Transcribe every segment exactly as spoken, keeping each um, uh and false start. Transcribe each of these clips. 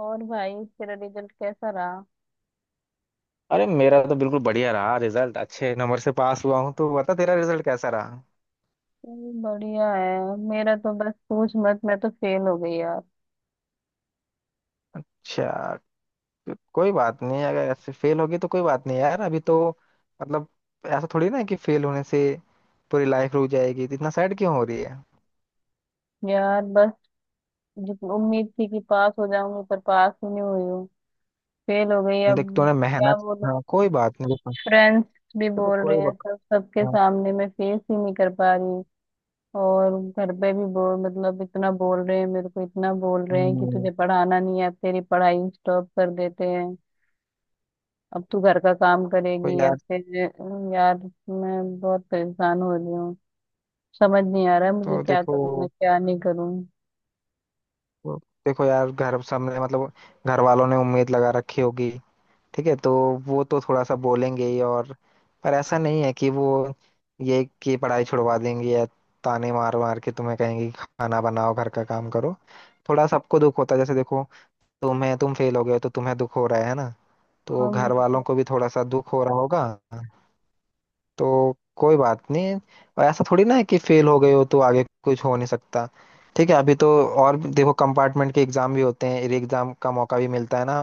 और भाई तेरा रिजल्ट कैसा रहा? अरे, मेरा तो बिल्कुल बढ़िया रहा रिजल्ट। अच्छे नंबर से पास हुआ हूँ। तो बता, तेरा रिजल्ट कैसा रहा? चल, बढ़िया है। मेरा तो बस पूछ मत, मैं तो फेल हो गई यार। अच्छा। को- कोई बात नहीं। अगर ऐसे फेल होगी तो कोई बात नहीं यार, अभी तो मतलब ऐसा थोड़ी ना है कि फेल होने से पूरी लाइफ रुक जाएगी। तो इतना सैड क्यों हो रही है? यार बस जितनी उम्मीद थी कि पास हो जाऊंगी पर पास ही नहीं हुई हूँ। फेल हो गई अब। देख, तूने क्या मेहनत, बोलूं, हाँ, कोई बात नहीं। देखो। फ्रेंड्स भी देखो, बोल रहे कोई हैं, बात। सब सबके हाँ। सामने मैं फेस ही नहीं कर पा रही। और घर पे भी बोल, मतलब इतना बोल रहे हैं मेरे को, इतना बोल रहे हैं कि हम्म। तुझे पढ़ाना नहीं है, अब तेरी पढ़ाई स्टॉप कर देते हैं। अब तू घर का काम देखो करेगी। अब यार। फिर अम, यार मैं बहुत परेशान हो रही हूँ। समझ नहीं आ रहा है तो मुझे, क्या देखो, करूँ मैं क्या नहीं करूँ। देखो यार, घर सामने मतलब घर वालों ने उम्मीद लगा रखी होगी, ठीक है? तो वो तो थोड़ा सा बोलेंगे ही और। पर ऐसा नहीं है कि वो ये कि पढ़ाई छुड़वा देंगे या ताने मार मार के तुम्हें कहेंगे कि खाना बनाओ, घर का काम करो। थोड़ा सबको दुख होता है। जैसे देखो, तुम्हें, तुम फेल हो गए हो, तो तुम्हें दुख हो रहा है ना, तो अब घर वालों लगता को भी थोड़ा सा दुख हो रहा होगा। तो कोई बात नहीं। और ऐसा थोड़ी ना है कि फेल हो गए हो तो आगे कुछ हो नहीं सकता। ठीक है, अभी तो और भी- देखो, कंपार्टमेंट के एग्जाम भी होते हैं, एग्जाम का मौका भी मिलता है ना।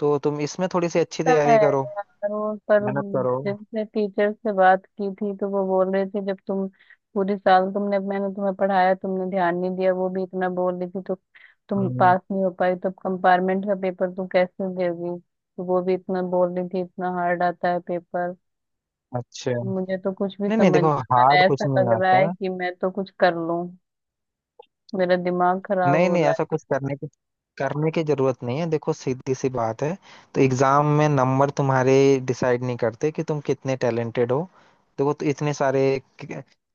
तो तुम इसमें थोड़ी सी अच्छी है तैयारी करो, यार वो, पर मेहनत करो। जिनसे टीचर से बात की थी तो वो बोल रहे थे, जब तुम पूरे साल तुमने मैंने तुम्हें पढ़ाया तुमने ध्यान नहीं दिया, वो भी इतना बोल रही थी। तो तुम हम्म। पास नहीं हो पाई तो कंपार्टमेंट का पेपर तुम कैसे दोगी, तो वो भी इतना बोल रही थी, इतना हार्ड आता है पेपर। अच्छा। नहीं मुझे तो कुछ भी नहीं, समझ देखो, नहीं आ रहा हार्ड है, कुछ ऐसा नहीं लग रहा है आता। कि मैं तो कुछ कर लूं, मेरा दिमाग खराब नहीं हो नहीं, रहा ऐसा कुछ करने की करने की जरूरत नहीं है। देखो, सीधी सी बात है। तो एग्जाम में नंबर तुम्हारे डिसाइड नहीं करते कि तुम कितने टैलेंटेड हो। देखो तो, इतने सारे,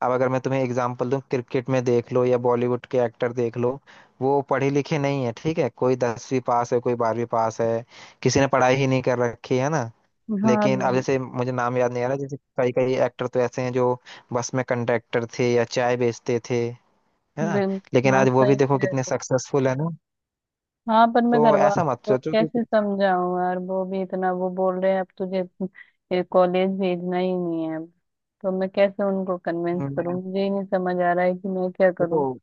अब अगर मैं तुम्हें एग्जांपल दूं, क्रिकेट में देख लो या बॉलीवुड के एक्टर देख लो। वो पढ़े लिखे नहीं है, ठीक है? कोई दसवीं पास है, कोई बारहवीं पास है, किसी ने पढ़ाई ही नहीं कर रखी है ना। है। हाँ लेकिन अब बिल, जैसे, मुझे नाम याद नहीं आ रहा, जैसे कई कई एक्टर तो ऐसे हैं जो बस में कंडक्टर थे या चाय बेचते थे। है ना? बिल लेकिन हाँ, आज वो भी सही देखो कह रहे कितने हो। सक्सेसफुल है ना। हाँ पर मैं तो घर ऐसा वालों मत को सोचो कि कैसे कुछ- समझाऊं यार, वो भी इतना वो बोल रहे हैं अब तुझे कॉलेज भेजना ही नहीं है अब। तो मैं कैसे उनको कन्विंस मैं। करूं, मुझे ही नहीं समझ आ रहा है कि मैं क्या करूं। देखो,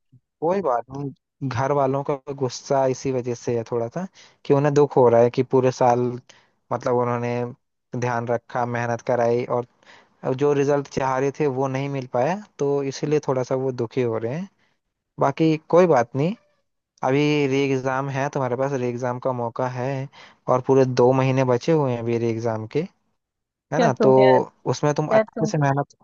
कोई बात नहीं, घर वालों का गुस्सा इसी वजह से है थोड़ा सा कि उन्हें दुख हो रहा है कि पूरे साल मतलब उन्होंने ध्यान रखा, मेहनत कराई, और अब जो रिजल्ट चाह रहे थे वो नहीं मिल पाया, तो इसीलिए थोड़ा सा वो दुखी हो रहे हैं। बाकी कोई बात नहीं। अभी री एग्ज़ाम है तुम्हारे पास, री एग्ज़ाम का मौका है। और पूरे दो महीने बचे हुए हैं अभी री एग्ज़ाम के। है क्या ना? तो तुम यार उसमें तुम क्या अच्छे तुम से मेहनत,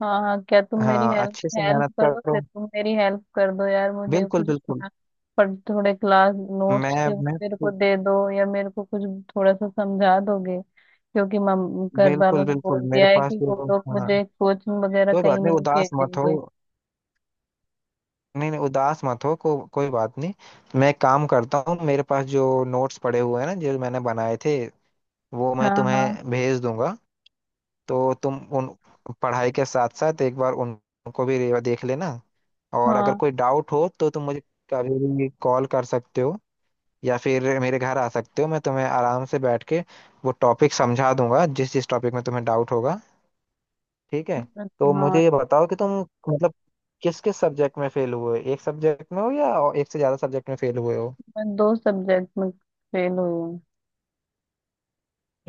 हाँ हाँ, क्या तुम मेरी हाँ, हेल्प अच्छे से हेल्प मेहनत करो? फिर करो। तुम मेरी हेल्प कर दो यार, मुझे बिल्कुल कुछ बिल्कुल। अपना, पर थोड़े क्लास नोट्स मैं थे वो मैं मेरे को दे दो, या मेरे को कुछ थोड़ा सा समझा दोगे, क्योंकि मम घर वालों बिल्कुल ने बिल्कुल, बोल मेरे दिया है पास कि वो जो, लोग हाँ, मुझे कोचिंग वगैरह कोई कहीं बात नहीं, नहीं उदास मत हो। भेजेंगे। नहीं नहीं, उदास मत हो, को, कोई बात नहीं। मैं एक काम करता हूँ, मेरे पास जो नोट्स पड़े हुए हैं ना, जो मैंने बनाए थे, वो मैं हाँ हाँ, तुम्हें भेज दूंगा। तो तुम उन, पढ़ाई के साथ साथ एक बार उन- उनको भी रे- देख लेना। और अगर हाँ कोई डाउट हो तो तुम मुझे कभी भी कॉल कर सकते हो, या फिर मेरे घर आ सकते हो। मैं तुम्हें आराम से बैठ के वो टॉपिक समझा दूंगा, जिस जिस टॉपिक में तुम्हें डाउट होगा। ठीक है? तो हाँ। मुझे ये बताओ कि तुम मतलब किस किस सब्जेक्ट में फेल हुए, एक सब्जेक्ट में हो या और एक से ज्यादा सब्जेक्ट में फेल हुए हो? मैं दो सब्जेक्ट में फेल हुई हूँ।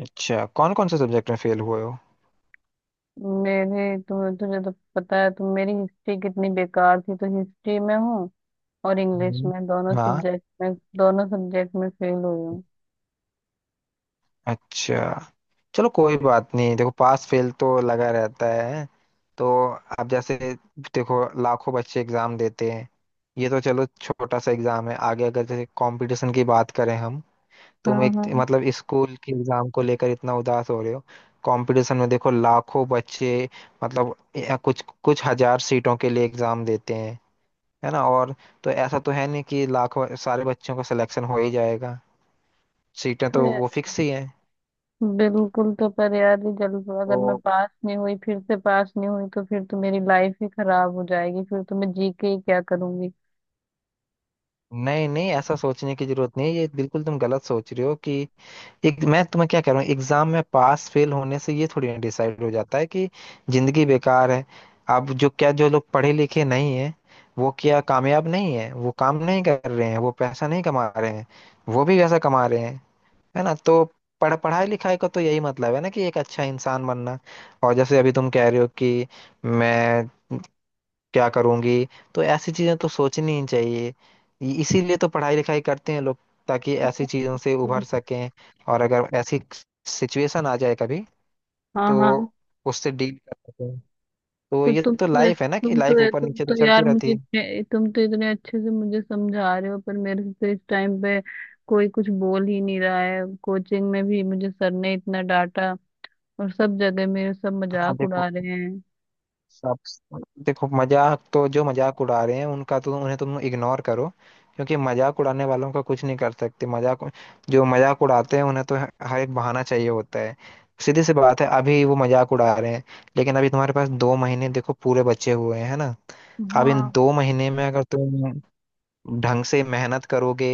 अच्छा, कौन कौन से सब्जेक्ट में फेल हुए हो? मेरी तुम्हें तुझे तो पता है, तुम मेरी हिस्ट्री कितनी बेकार थी, तो हिस्ट्री में हूँ और इंग्लिश हम्म। में, दोनों हाँ। सब्जेक्ट में दोनों सब्जेक्ट में फेल हुई हूँ। अच्छा, चलो कोई बात नहीं। देखो, पास फेल तो लगा रहता है। तो अब जैसे देखो, लाखों बच्चे एग्जाम देते हैं। ये तो चलो छोटा सा एग्जाम है। आगे अगर जैसे कंपटीशन की बात करें हम, हाँ तुम एक हाँ। मतलब स्कूल के एग्जाम को लेकर इतना उदास हो रहे हो। कंपटीशन में देखो, लाखों बच्चे मतलब या कुछ कुछ हजार सीटों के लिए एग्जाम देते हैं। है ना? और तो ऐसा तो है नहीं कि लाखों सारे बच्चों का सिलेक्शन हो ही जाएगा, सीटें तो तो ये- वो फिक्स ही हैं। बिल्कुल, तो पर यार ये, जल्द अगर मैं तो पास नहीं हुई, फिर से पास नहीं हुई, तो फिर तो मेरी लाइफ ही खराब हो जाएगी, फिर तो मैं जी के ही क्या करूंगी। नहीं नहीं, ऐसा सोचने की जरूरत नहीं है। ये बिल्कुल तुम गलत सोच रहे हो कि, एक मैं तुम्हें क्या कह रहा हूँ, एग्जाम में पास फेल होने से ये थोड़ी ना डिसाइड हो जाता है कि जिंदगी बेकार है। अब जो क्या, जो लोग पढ़े लिखे नहीं है, वो क्या कामयाब नहीं है? वो काम नहीं कर रहे हैं? वो पैसा नहीं कमा रहे हैं? वो भी वैसा कमा रहे हैं। है ना? तो पढ़ पढ़ाई लिखाई का तो यही मतलब है ना कि एक अच्छा इंसान बनना। और जैसे अभी तुम कह रहे हो कि मैं क्या करूंगी, तो ऐसी चीजें तो सोचनी ही चाहिए। इ- इसीलिए तो पढ़ाई लिखाई करते हैं लोग, ताकि ऐसी चीजों से उभर सकें और अगर ऐसी सिचुएशन आ जाए कभी, हाँ तो हाँ। उससे डील कर सकें। तो तो ये तुम तो तो लाइफ है ना, कि तुम तो लाइफ ऊपर तुम नीचे तो तो यार चलती मुझे रहती है। इतने- तुम तो इतने अच्छे से मुझे समझा रहे हो, पर मेरे से तो इस टाइम पे कोई कुछ बोल ही नहीं रहा है, कोचिंग में भी मुझे सर ने इतना डांटा और सब जगह मेरे सब हाँ मजाक उड़ा देखो, रहे हैं। सब, देखो, मजाक तो, जो मजाक उड़ा रहे हैं उनका तो, उन्हें तुम इग्नोर करो। क्योंकि मजाक उड़ाने वालों का कुछ नहीं कर सकते। मजाक, जो मजाक उड़ाते हैं, उन्हें तो ह- हर एक बहाना चाहिए होता है। सीधी सी बात है, अभी वो मजाक उड़ा रहे हैं, लेकिन अभी तुम्हारे पास दो महीने देखो पूरे बचे हुए हैं। है ना? अब इन हाँ दो महीने में अगर तुम ढंग से मेहनत करोगे,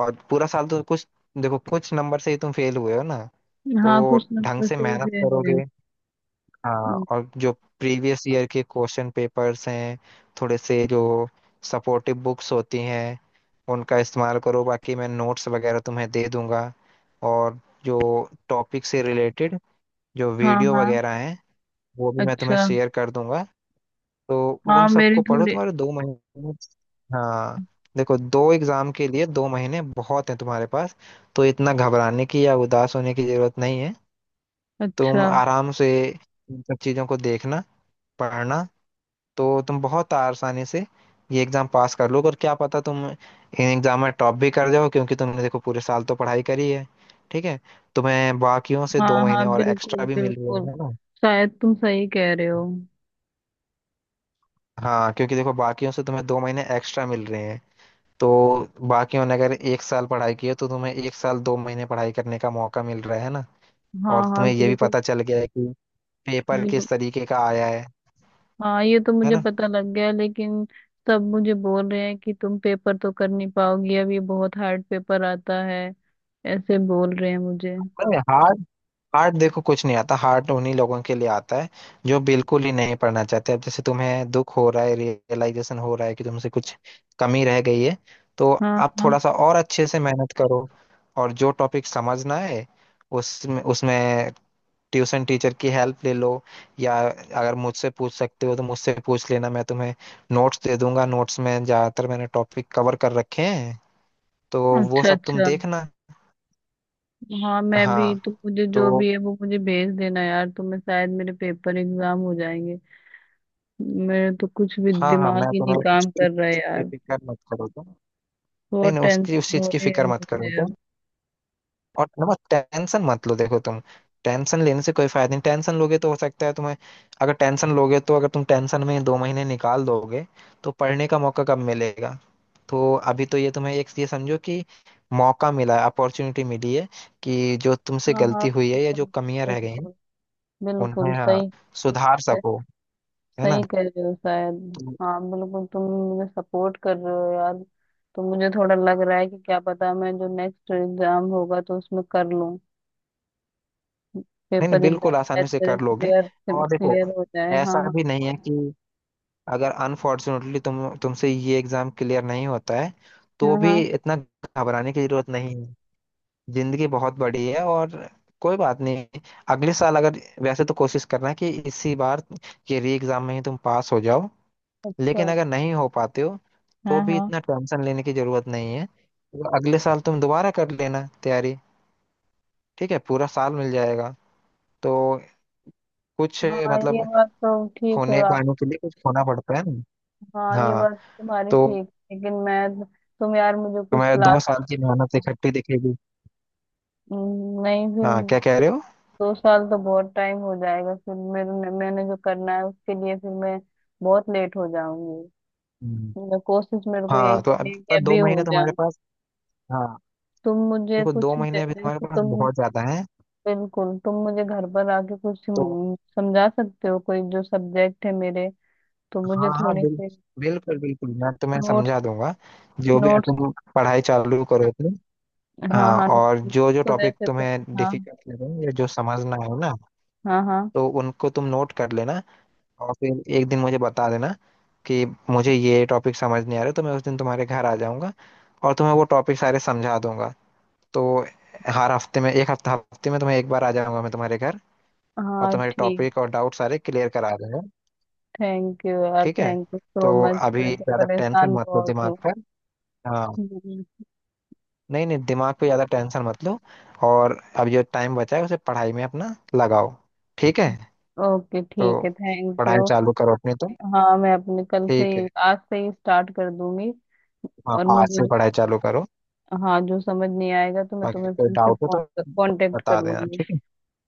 और पूरा साल तो कुछ, देखो, कुछ नंबर से ही तुम फेल हुए हो ना, हाँ, तो कुछ ढंग नंबर से सही मेहनत से हुए। करोगे। हाँ, हम्म, और जो प्रीवियस ईयर के क्वेश्चन पेपर्स हैं, थोड़े से जो सपोर्टिव बुक्स होती हैं, उनका इस्तेमाल करो। बाकी मैं नोट्स वगैरह तुम्हें दे दूंगा। और जो टॉपिक से रिलेटेड जो हाँ वीडियो हाँ। वगैरह हैं, वो भी मैं तुम्हें अच्छा। शेयर कर दूंगा। तो उन हाँ मेरे सबको पढ़ो। थोड़े। तुम्हारे दो महीने, हाँ, देखो, दो एग्जाम के लिए दो महीने बहुत हैं तुम्हारे पास। तो इतना घबराने की या उदास होने की जरूरत नहीं है। अच्छा। तुम आराम से इन सब चीजों को देखना, पढ़ना, तो तुम बहुत आसानी से ये एग्जाम पास कर लोगे। और क्या पता तुम इन एग्जाम में टॉप भी कर जाओ, क्योंकि तुमने देखो पूरे साल तो पढ़ाई करी है। ठीक है? तुम्हें बाकियों से दो हाँ महीने हाँ और एक्स्ट्रा बिल्कुल भी मिल रहे बिल्कुल, हैं ना। शायद तुम सही कह रहे हो। हाँ, क्योंकि देखो बाकियों से तुम्हें दो महीने एक्स्ट्रा मिल रहे हैं। तो बाकियों ने अगर एक साल पढ़ाई की है, तो तुम्हें एक साल दो महीने पढ़ाई करने का मौका मिल रहा है ना। हाँ और हाँ तुम्हें ये भी बिल्कुल पता चल गया है कि पेपर बिल्कुल। किस तरीके का आया है। हाँ ये तो है मुझे ना? पता लग गया, लेकिन सब मुझे बोल रहे हैं कि तुम पेपर तो कर नहीं पाओगी, अब ये बहुत हार्ड पेपर आता है, ऐसे बोल रहे हैं मुझे। नहीं, hard, हार्ड देखो कुछ नहीं आता। हार्ड उन्हीं लोगों के लिए आता है जो बिल्कुल ही नहीं पढ़ना चाहते। अब जैसे तुम्हें दुख हो रहा है, रियलाइजेशन हो रहा है कि तुमसे कुछ कमी रह गई है, तो हाँ आप हाँ। थोड़ा सा और अच्छे से मेहनत करो। और जो टॉपिक समझना है, उसमें उसमें ट्यूशन टीचर की हेल्प ले लो। या अगर मुझसे पूछ सकते हो तो मुझसे पूछ लेना, मैं तुम्हें नोट्स दे दूंगा। नोट्स में ज्यादातर मैंने टॉपिक कवर कर रखे हैं, तो वो अच्छा सब तुम अच्छा। देखना। हाँ मैं भी, हाँ, तुम मुझे जो तो, भी है वो मुझे भेज देना यार, तुम्हें, शायद मेरे पेपर एग्जाम हो जाएंगे। मेरे तो कुछ भी हाँ हाँ, मैं दिमाग ही तुम्हें नहीं काम उसकी, कर रहा है ये यार, फिक्र मत करो तुम। नहीं बहुत नहीं, टेंशन उसकी, उस चीज हो की रही है फिक्र मत करो मुझे अब। तुम। और ना टेंशन मत लो देखो तुम। टेंशन लेने से कोई फायदा नहीं। टेंशन लोगे तो हो सकता है तुम्हें, अगर टेंशन लोगे तो, अगर तुम टेंशन में दो महीने निकाल दोगे, तो पढ़ने का मौका कब मिलेगा? तो अभी तो ये तुम्हें एक ये समझो कि मौका मिला है, अपॉर्चुनिटी मिली है कि जो तुमसे हाँ हाँ गलती हुई है या बिल्कुल जो कमियां रह गई हैं बिल्कुल, बिल्कुल उन्हें, हाँ, सही सुधार सही, सको। है ना? सही कह रहे हो शायद, तो हाँ बिल्कुल, तुम मुझे सपोर्ट कर रहे हो यार। तो मुझे थोड़ा लग रहा है कि क्या पता, मैं जो नेक्स्ट एग्जाम होगा तो उसमें कर लूँ, नहीं नहीं, पेपर एग्जाम बिल्कुल शायद आसानी से मेरे कर लोगे। क्लियर और देखो, क्लियर हो जाए। हाँ ऐसा हाँ, भी नहीं है कि अगर अनफॉर्चुनेटली तुम तुमसे ये एग्जाम क्लियर नहीं होता है, तो हाँ भी हाँ। इतना घबराने की जरूरत नहीं है। जिंदगी बहुत बड़ी है, और कोई बात नहीं, अगले साल अगर, वैसे तो कोशिश करना कि इसी बार ये री एग्जाम में ही तुम पास हो जाओ, लेकिन अच्छा। अगर नहीं हो पाते हो तो हाँ भी हाँ। इतना टेंशन लेने की जरूरत नहीं है। तो अगले साल तुम दोबारा कर लेना तैयारी। ठीक है? पूरा साल मिल जाएगा। तो कुछ हाँ ये मतलब बात तो ठीक है। खोने पाने के लिए कुछ खोना पड़ता है ना। हाँ ये हाँ, बात तुम्हारी तो ठीक, लेकिन मैं, तुम यार मुझे कुछ तुम्हारे दो क्लास। साल की मेहनत इकट्ठी दिखेगी। नहीं फिर, हाँ, क्या कह रहे हो? दो साल तो बहुत टाइम हो जाएगा, फिर मेरे, मैंने जो करना है उसके लिए फिर मैं बहुत लेट हो जाऊंगी। हम्म। मैं कोशिश मेरे को यही हाँ, तो करनी अब है कि पर दो अभी महीने हो तुम्हारे जाऊं। पास, हाँ, तुम मुझे देखो कुछ दो महीने जै- अभी तुम्हारे जैसे पास तुम, बहुत ज्यादा है। बिल्कुल, तुम मुझे घर पर आके कुछ तो हम्म, समझा सकते हो, कोई जो सब्जेक्ट है मेरे, तो मुझे हाँ हाँ, थोड़े बिल, से बिल्कुल बिल्कुल, मैं तुम्हें नोट्स। समझा दूंगा जो भी। नोट्स। तुम पढ़ाई चालू करो तुम, हाँ हाँ, हाँ, और नोट्स। जो जो तो टॉपिक जैसे तुम्हें तुम, हाँ डिफिकल्ट लगे या जो समझना है ना, हाँ हाँ। तो उनको तुम नोट कर लेना, और फिर एक दिन मुझे बता देना कि मुझे ये टॉपिक समझ नहीं आ रहे। तो मैं उस दिन तुम्हारे घर आ जाऊंगा और तुम्हें वो टॉपिक सारे समझा दूंगा। तो हर हफ्ते में एक हफ्ता हफ्ते में तुम्हें एक बार आ जाऊंगा मैं तुम्हारे घर, और हाँ तुम्हारे ठीक। टॉपिक और डाउट सारे क्लियर करा दूंगा। थैंक यू यार, ठीक है? थैंक यू तो सो मच, अभी मैं तो ज़्यादा टेंशन परेशान मत लो बहुत दिमाग हूँ। पर। हाँ, नहीं नहीं, दिमाग पे ज़्यादा टेंशन मत लो। और अब जो टाइम बचा है उसे पढ़ाई में अपना लगाओ। ठीक है? ओके तो ठीक है, थैंक पढ़ाई यू। चालू करो अपनी तुम। हाँ मैं अपने कल से ठीक ही, है? आज से ही स्टार्ट कर दूंगी। हाँ, और आज मुझे से पढ़ाई जो, चालू करो। हाँ जो समझ नहीं आएगा तो मैं बाकी तुम्हें कोई फिर से डाउट हो तो कांटेक्ट कर बता देना, लूंगी। ठीक है?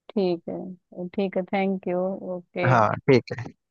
ठीक है, ठीक है, थैंक यू, ओके। हाँ ठीक है।